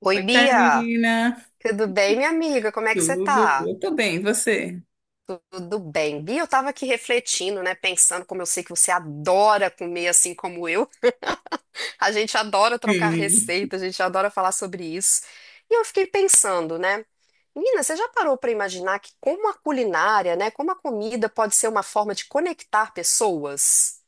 Oi, Oi, Bia, Karina. tudo bem, minha amiga? Como é que você Tudo? tá? Eu tô bem, e você? Tudo bem. Bia, eu tava aqui refletindo, né, pensando como eu sei que você adora comer assim como eu. A gente adora trocar Sim. receita, a gente adora falar sobre isso. E eu fiquei pensando, né? Menina, você já parou pra imaginar que como a culinária, né, como a comida pode ser uma forma de conectar pessoas?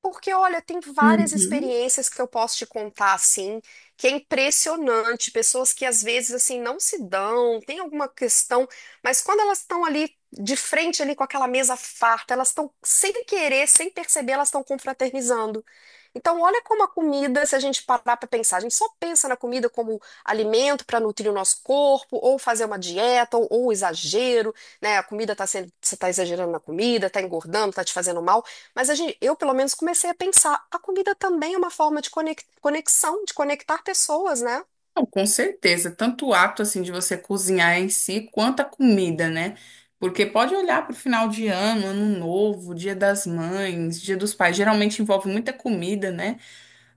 Porque, olha, tem várias Uhum. experiências que eu posso te contar, assim, que é impressionante. Pessoas que às vezes, assim, não se dão, tem alguma questão, mas quando elas estão ali de frente, ali com aquela mesa farta, elas estão, sem querer, sem perceber, elas estão confraternizando. Então, olha como a comida, se a gente parar para pensar, a gente só pensa na comida como alimento para nutrir o nosso corpo, ou fazer uma dieta, ou exagero, né? A comida tá sendo, você está exagerando na comida, está engordando, está te fazendo mal. Mas a gente, eu, pelo menos, comecei a pensar, a comida também é uma forma de conexão, de conectar pessoas, né? Não, com certeza, tanto o ato assim de você cozinhar em si, quanto a comida, né? Porque pode olhar para o final de ano, ano novo, Dia das Mães, Dia dos Pais, geralmente envolve muita comida, né?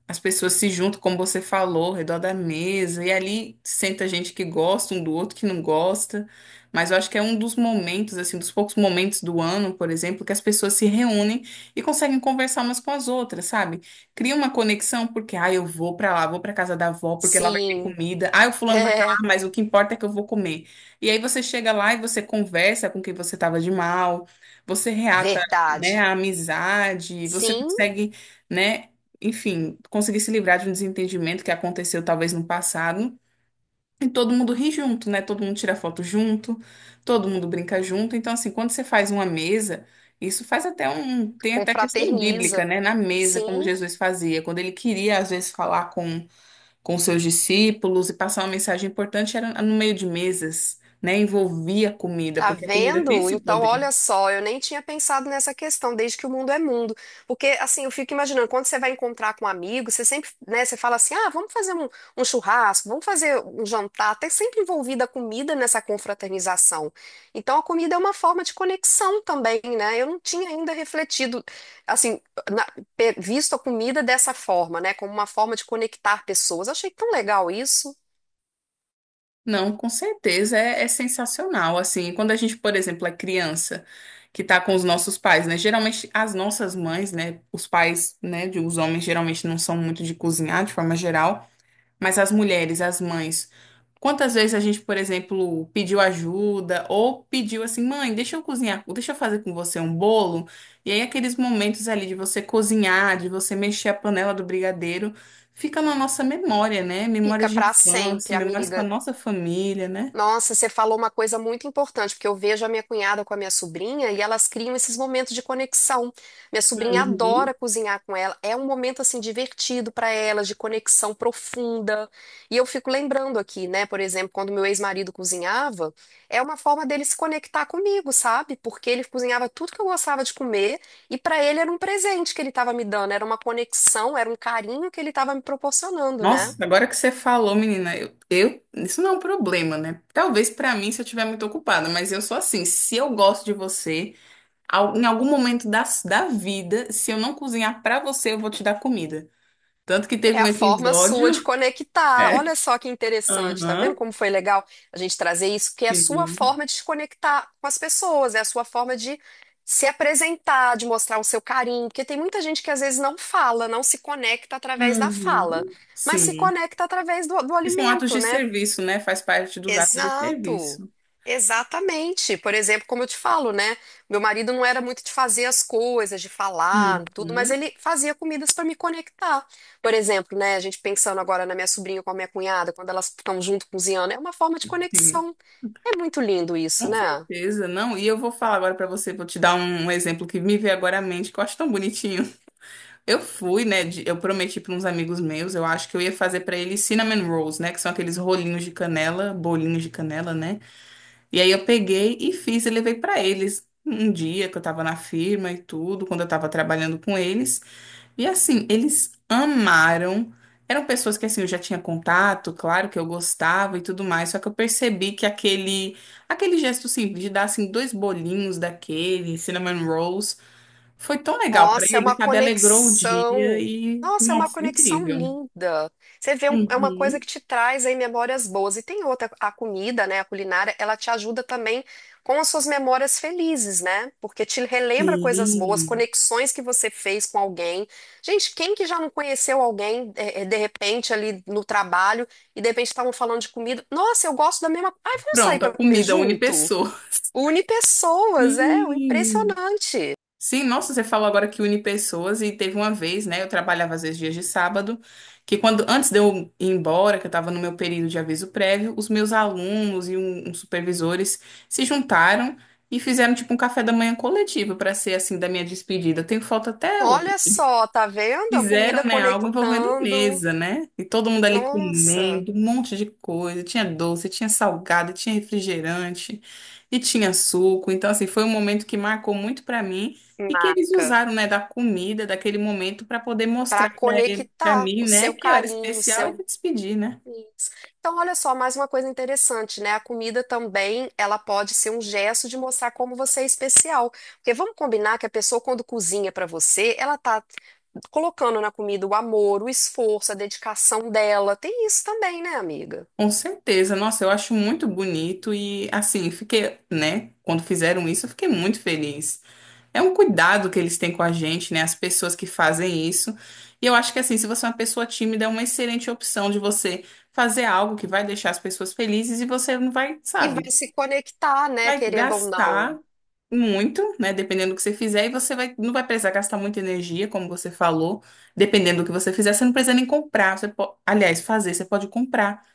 As pessoas se juntam, como você falou, ao redor da mesa, e ali senta gente que gosta um do outro, que não gosta. Mas eu acho que é um dos momentos, assim, dos poucos momentos do ano, por exemplo, que as pessoas se reúnem e conseguem conversar umas com as outras, sabe? Cria uma conexão, porque, ah, eu vou pra lá, vou pra casa da avó, porque lá vai ter Sim, comida. Ah, o fulano vai pra é lá, mas o que importa é que eu vou comer. E aí você chega lá e você conversa com quem você tava de mal, você reata, né, verdade. a amizade, você Sim, consegue, né? Enfim, conseguir se livrar de um desentendimento que aconteceu talvez no passado. E todo mundo ri junto, né? Todo mundo tira foto junto, todo mundo brinca junto. Então, assim, quando você faz uma mesa, isso faz até um. Tem até questão bíblica, confraterniza. né? Na mesa, como Sim, Jesus fazia. Quando ele queria, às vezes, falar com, seus discípulos e passar uma mensagem importante, era no meio de mesas, né? Envolvia a comida, tá porque a comida tem vendo? esse Então, poder. olha só, eu nem tinha pensado nessa questão, desde que o mundo é mundo. Porque, assim, eu fico imaginando, quando você vai encontrar com um amigo, você sempre, né, você fala assim, ah, um churrasco, vamos fazer um jantar, até sempre envolvida a comida nessa confraternização. Então, a comida é uma forma de conexão também, né? Eu não tinha ainda refletido, assim, na- visto a comida dessa forma, né, como uma forma de conectar pessoas. Achei tão legal isso. Não, com certeza é sensacional. Assim, quando a gente, por exemplo, é criança que tá com os nossos pais, né? Geralmente as nossas mães, né? Os pais, né? Os homens geralmente não são muito de cozinhar de forma geral. Mas as mulheres, as mães, quantas vezes a gente, por exemplo, pediu ajuda ou pediu assim, mãe, deixa eu cozinhar, deixa eu fazer com você um bolo. E aí aqueles momentos ali de você cozinhar, de você mexer a panela do brigadeiro, fica na nossa memória, né? Fica Memórias de pra sempre, infância, memórias com a amiga. nossa família, né? Nossa, você falou uma coisa muito importante, porque eu vejo a minha cunhada com a minha sobrinha e elas criam esses momentos de conexão. Minha sobrinha Uhum. adora cozinhar com ela, é um momento assim divertido para elas, de conexão profunda. E eu fico lembrando aqui, né, por exemplo, quando meu ex-marido cozinhava, é uma forma dele se conectar comigo, sabe? Porque ele cozinhava tudo que eu gostava de comer e para ele era um presente que ele estava me dando, era uma conexão, era um carinho que ele estava me proporcionando, né? Nossa, agora que você falou, menina, eu isso não é um problema, né? Talvez pra mim se eu estiver muito ocupada, mas eu sou assim, se eu gosto de você. Em algum momento da vida, se eu não cozinhar pra você, eu vou te dar comida. Tanto que É teve um a forma sua de episódio. conectar. É. Olha só que interessante, tá vendo Aham. como foi legal a gente trazer isso, que é a sua Sim. forma de se conectar com as pessoas, é a sua forma de se apresentar, de mostrar o seu carinho, porque tem muita gente que às vezes não fala, não se conecta através da fala, Uhum. mas se Sim. conecta através do Que são atos alimento, de né? serviço, né? Faz parte dos atos de Exato, serviço. exatamente. Por exemplo, como eu te falo, né? Meu marido não era muito de fazer as coisas, de falar, tudo, mas Uhum. ele fazia comidas para me conectar. Por exemplo, né? A gente pensando agora na minha sobrinha com a minha cunhada, quando elas estão junto cozinhando, é uma forma de Sim. conexão. É muito lindo isso, Com né? certeza, não. E eu vou falar agora pra você, vou te dar um exemplo que me veio agora à mente, que eu acho tão bonitinho. Eu fui, né? Eu prometi pra uns amigos meus, eu acho que eu ia fazer pra eles cinnamon rolls, né? Que são aqueles rolinhos de canela, bolinhos de canela, né? E aí eu peguei e fiz e levei para eles um dia que eu estava na firma e tudo, quando eu estava trabalhando com eles. E assim, eles amaram. Eram pessoas que assim eu já tinha contato, claro que eu gostava e tudo mais, só que eu percebi que aquele gesto simples de dar assim dois bolinhos daquele cinnamon rolls foi tão legal para Nossa, é uma eles, sabe? Alegrou o dia conexão. e Nossa, é uma nossa, conexão incrível. linda. Você vê, é uma coisa que Uhum. te traz aí memórias boas. E tem outra, a comida, né, a culinária, ela te ajuda também com as suas memórias felizes, né? Porque te relembra coisas boas, Sim. conexões que você fez com alguém. Gente, quem que já não conheceu alguém, de repente, ali no trabalho, e de repente estavam falando de comida? Nossa, eu gosto da mesma. Ai, vamos sair Pronto, a para comer comida une junto? pessoa. Une pessoas, é, Sim. impressionante. Sim, nossa, você falou agora que une pessoas e teve uma vez, né? Eu trabalhava às vezes dias de sábado, que quando antes de eu ir embora, que eu estava no meu período de aviso prévio, os meus alunos e uns supervisores se juntaram e fizeram tipo um café da manhã coletivo para ser assim da minha despedida. Eu tenho foto até Olha hoje. só, tá vendo? A comida Fizeram, né, algo envolvendo conectando. mesa, né? E todo mundo ali Nossa, comendo, um monte de coisa. Tinha doce, tinha salgado, tinha refrigerante e tinha suco. Então, assim, foi um momento que marcou muito pra mim e que eles marca. usaram, né, da comida, daquele momento, pra poder Para mostrar pra ele, para conectar mim, o né, seu que eu era carinho, o especial e seu. me despedir, né? Isso. Então, olha só, mais uma coisa interessante, né? A comida também, ela pode ser um gesto de mostrar como você é especial. Porque vamos combinar que a pessoa, quando cozinha para você, ela tá colocando na comida o amor, o esforço, a dedicação dela. Tem isso também, né, amiga? Com certeza. Nossa, eu acho muito bonito e, assim, fiquei, né, quando fizeram isso, eu fiquei muito feliz. É um cuidado que eles têm com a gente, né? As pessoas que fazem isso. E eu acho que assim, se você é uma pessoa tímida, é uma excelente opção de você fazer algo que vai deixar as pessoas felizes e você não vai, E sabe, vai se conectar, né, vai querendo ou gastar não. muito, né? Dependendo do que você fizer, e você vai, não vai precisar gastar muita energia, como você falou. Dependendo do que você fizer, você não precisa nem comprar. Você aliás, fazer, você pode comprar.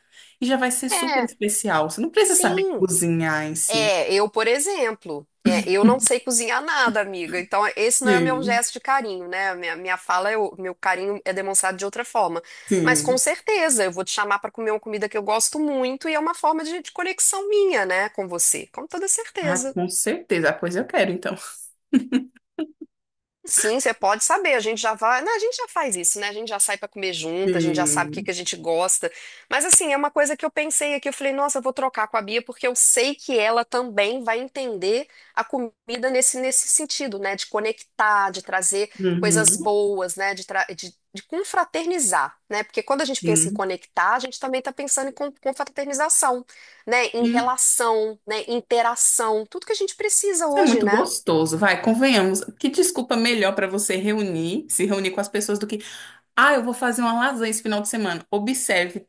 E já vai ser super É, especial. Você não precisa saber sim. cozinhar em si. É, eu, por exemplo, é, eu não sei cozinhar nada, amiga. Então, esse não é o meu Sim, gesto de carinho, né? A Minha fala, é o meu carinho é demonstrado de outra forma. Mas com sim. certeza, eu vou te chamar para comer uma comida que eu gosto muito e é uma forma de conexão minha, né, com você. Com toda Ah, certeza. com certeza. Ah, pois eu quero, então. Sim, você pode saber, a gente já vai, né, a gente já faz isso, né? A gente já sai para comer junto, a gente já sabe o que que Sim. a gente gosta. Mas assim, é uma coisa que eu pensei aqui, eu falei, nossa, eu vou trocar com a Bia porque eu sei que ela também vai entender a comida nesse sentido, né, de conectar, de trazer coisas Uhum. boas, né, de confraternizar, né? Porque quando a gente pensa em Sim. conectar, a gente também está pensando em confraternização, né, em Sim. relação, né, interação, tudo que a gente precisa Isso é hoje, muito né? gostoso, vai, convenhamos. Que desculpa melhor para você reunir, se reunir com as pessoas do que, ah, eu vou fazer uma lasanha esse final de semana. Observe,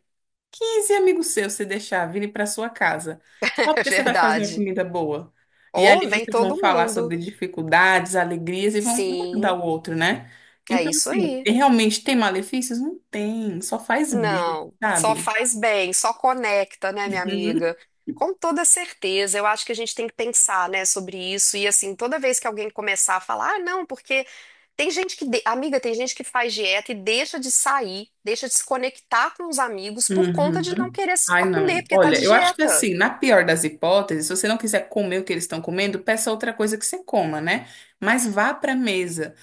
15 amigos seus se deixar virem para sua casa, só É porque você vai fazer uma verdade. comida boa. E Ou ali vem vocês vão todo falar mundo. sobre dificuldades, alegrias e vão um ajudar Sim, o outro, né? é Então, isso assim, aí. realmente tem malefícios? Não tem, só faz bem, Não, só sabe? faz bem, só conecta, né, minha amiga? Com toda certeza, eu acho que a gente tem que pensar, né, sobre isso. E assim, toda vez que alguém começar a falar, ah, não, porque tem gente que, amiga, tem gente que faz dieta e deixa de sair, deixa de se conectar com os amigos por conta Uhum. de não querer Ai, comer, não. porque tá Olha, de eu acho que dieta. assim, na pior das hipóteses, se você não quiser comer o que eles estão comendo, peça outra coisa que você coma, né? Mas vá para a mesa.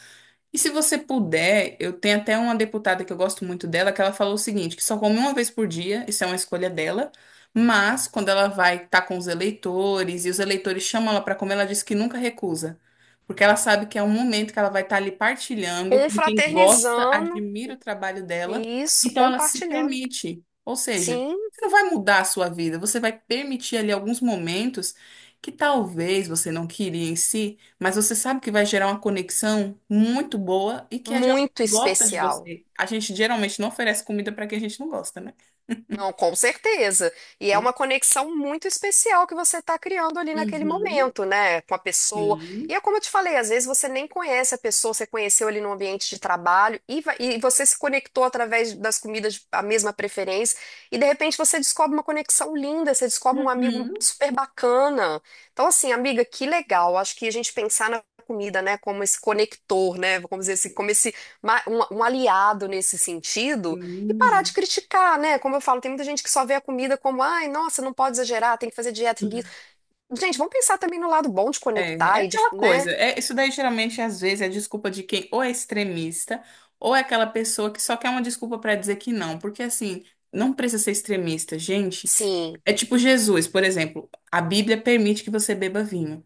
E se você puder, eu tenho até uma deputada que eu gosto muito dela, que ela falou o seguinte, que só come uma vez por dia, isso é uma escolha dela, mas quando ela vai estar com os eleitores e os eleitores chamam ela para comer, ela diz que nunca recusa, porque ela sabe que é um momento que ela vai estar ali partilhando com quem gosta, Confraternizando, admira o trabalho dela, isso, então ela se compartilhando. permite. Ou seja, Sim, você não vai mudar a sua vida, você vai permitir ali alguns momentos que talvez você não queria em si, mas você sabe que vai gerar uma conexão muito boa e que é de alguém muito que gosta de especial. você. A gente geralmente não oferece comida para quem a gente não gosta, né? Não, com certeza. E é Hum. uma conexão muito especial que você está criando ali naquele Uhum. momento, né? Com a pessoa. E Sim. é como eu te falei, às vezes você nem conhece a pessoa, você conheceu ali no ambiente de trabalho e, e você se conectou através das comidas, a mesma preferência. E de repente você descobre uma conexão linda, você descobre um amigo super bacana. Então, assim, amiga, que legal. Acho que a gente pensar na comida, né, como esse conector, né? Vamos dizer assim, como esse, um aliado nesse sentido. E Uhum. parar de Sim. criticar, né? Como eu falo, tem muita gente que só vê a comida como, ai, nossa, não pode exagerar, tem que fazer dieta, tem que... isso." Gente, vamos pensar também no lado bom de É, é conectar e de, aquela né? coisa. É, isso daí geralmente às vezes é desculpa de quem ou é extremista ou é aquela pessoa que só quer uma desculpa para dizer que não, porque assim, não precisa ser extremista, gente. Sim, É tipo Jesus, por exemplo, a Bíblia permite que você beba vinho.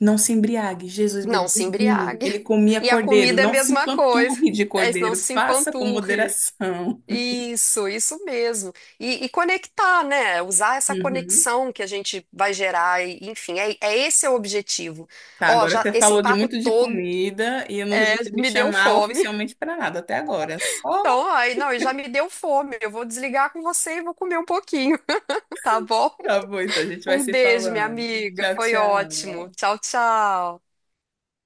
Não se embriague. Jesus não bebia se vinho. embriague. Ele comia E a cordeiro. comida é a Não se mesma coisa. empanturre de É, não cordeiro. se Faça com empanturre. moderação. Isso mesmo. E conectar, né? Usar essa Uhum. conexão que a gente vai gerar, e, enfim, é esse é o objetivo. Tá, Ó, agora já você esse falou de papo muito de todo comida e eu não vi você me me deu chamar fome. oficialmente para nada até agora. Só Então, aí, não, e já me deu fome. Eu vou desligar com você e vou comer um pouquinho, tá bom? tá bom, então a gente vai Um se beijo, minha falando. amiga. Tchau, Foi ótimo. tchau. Tchau, tchau.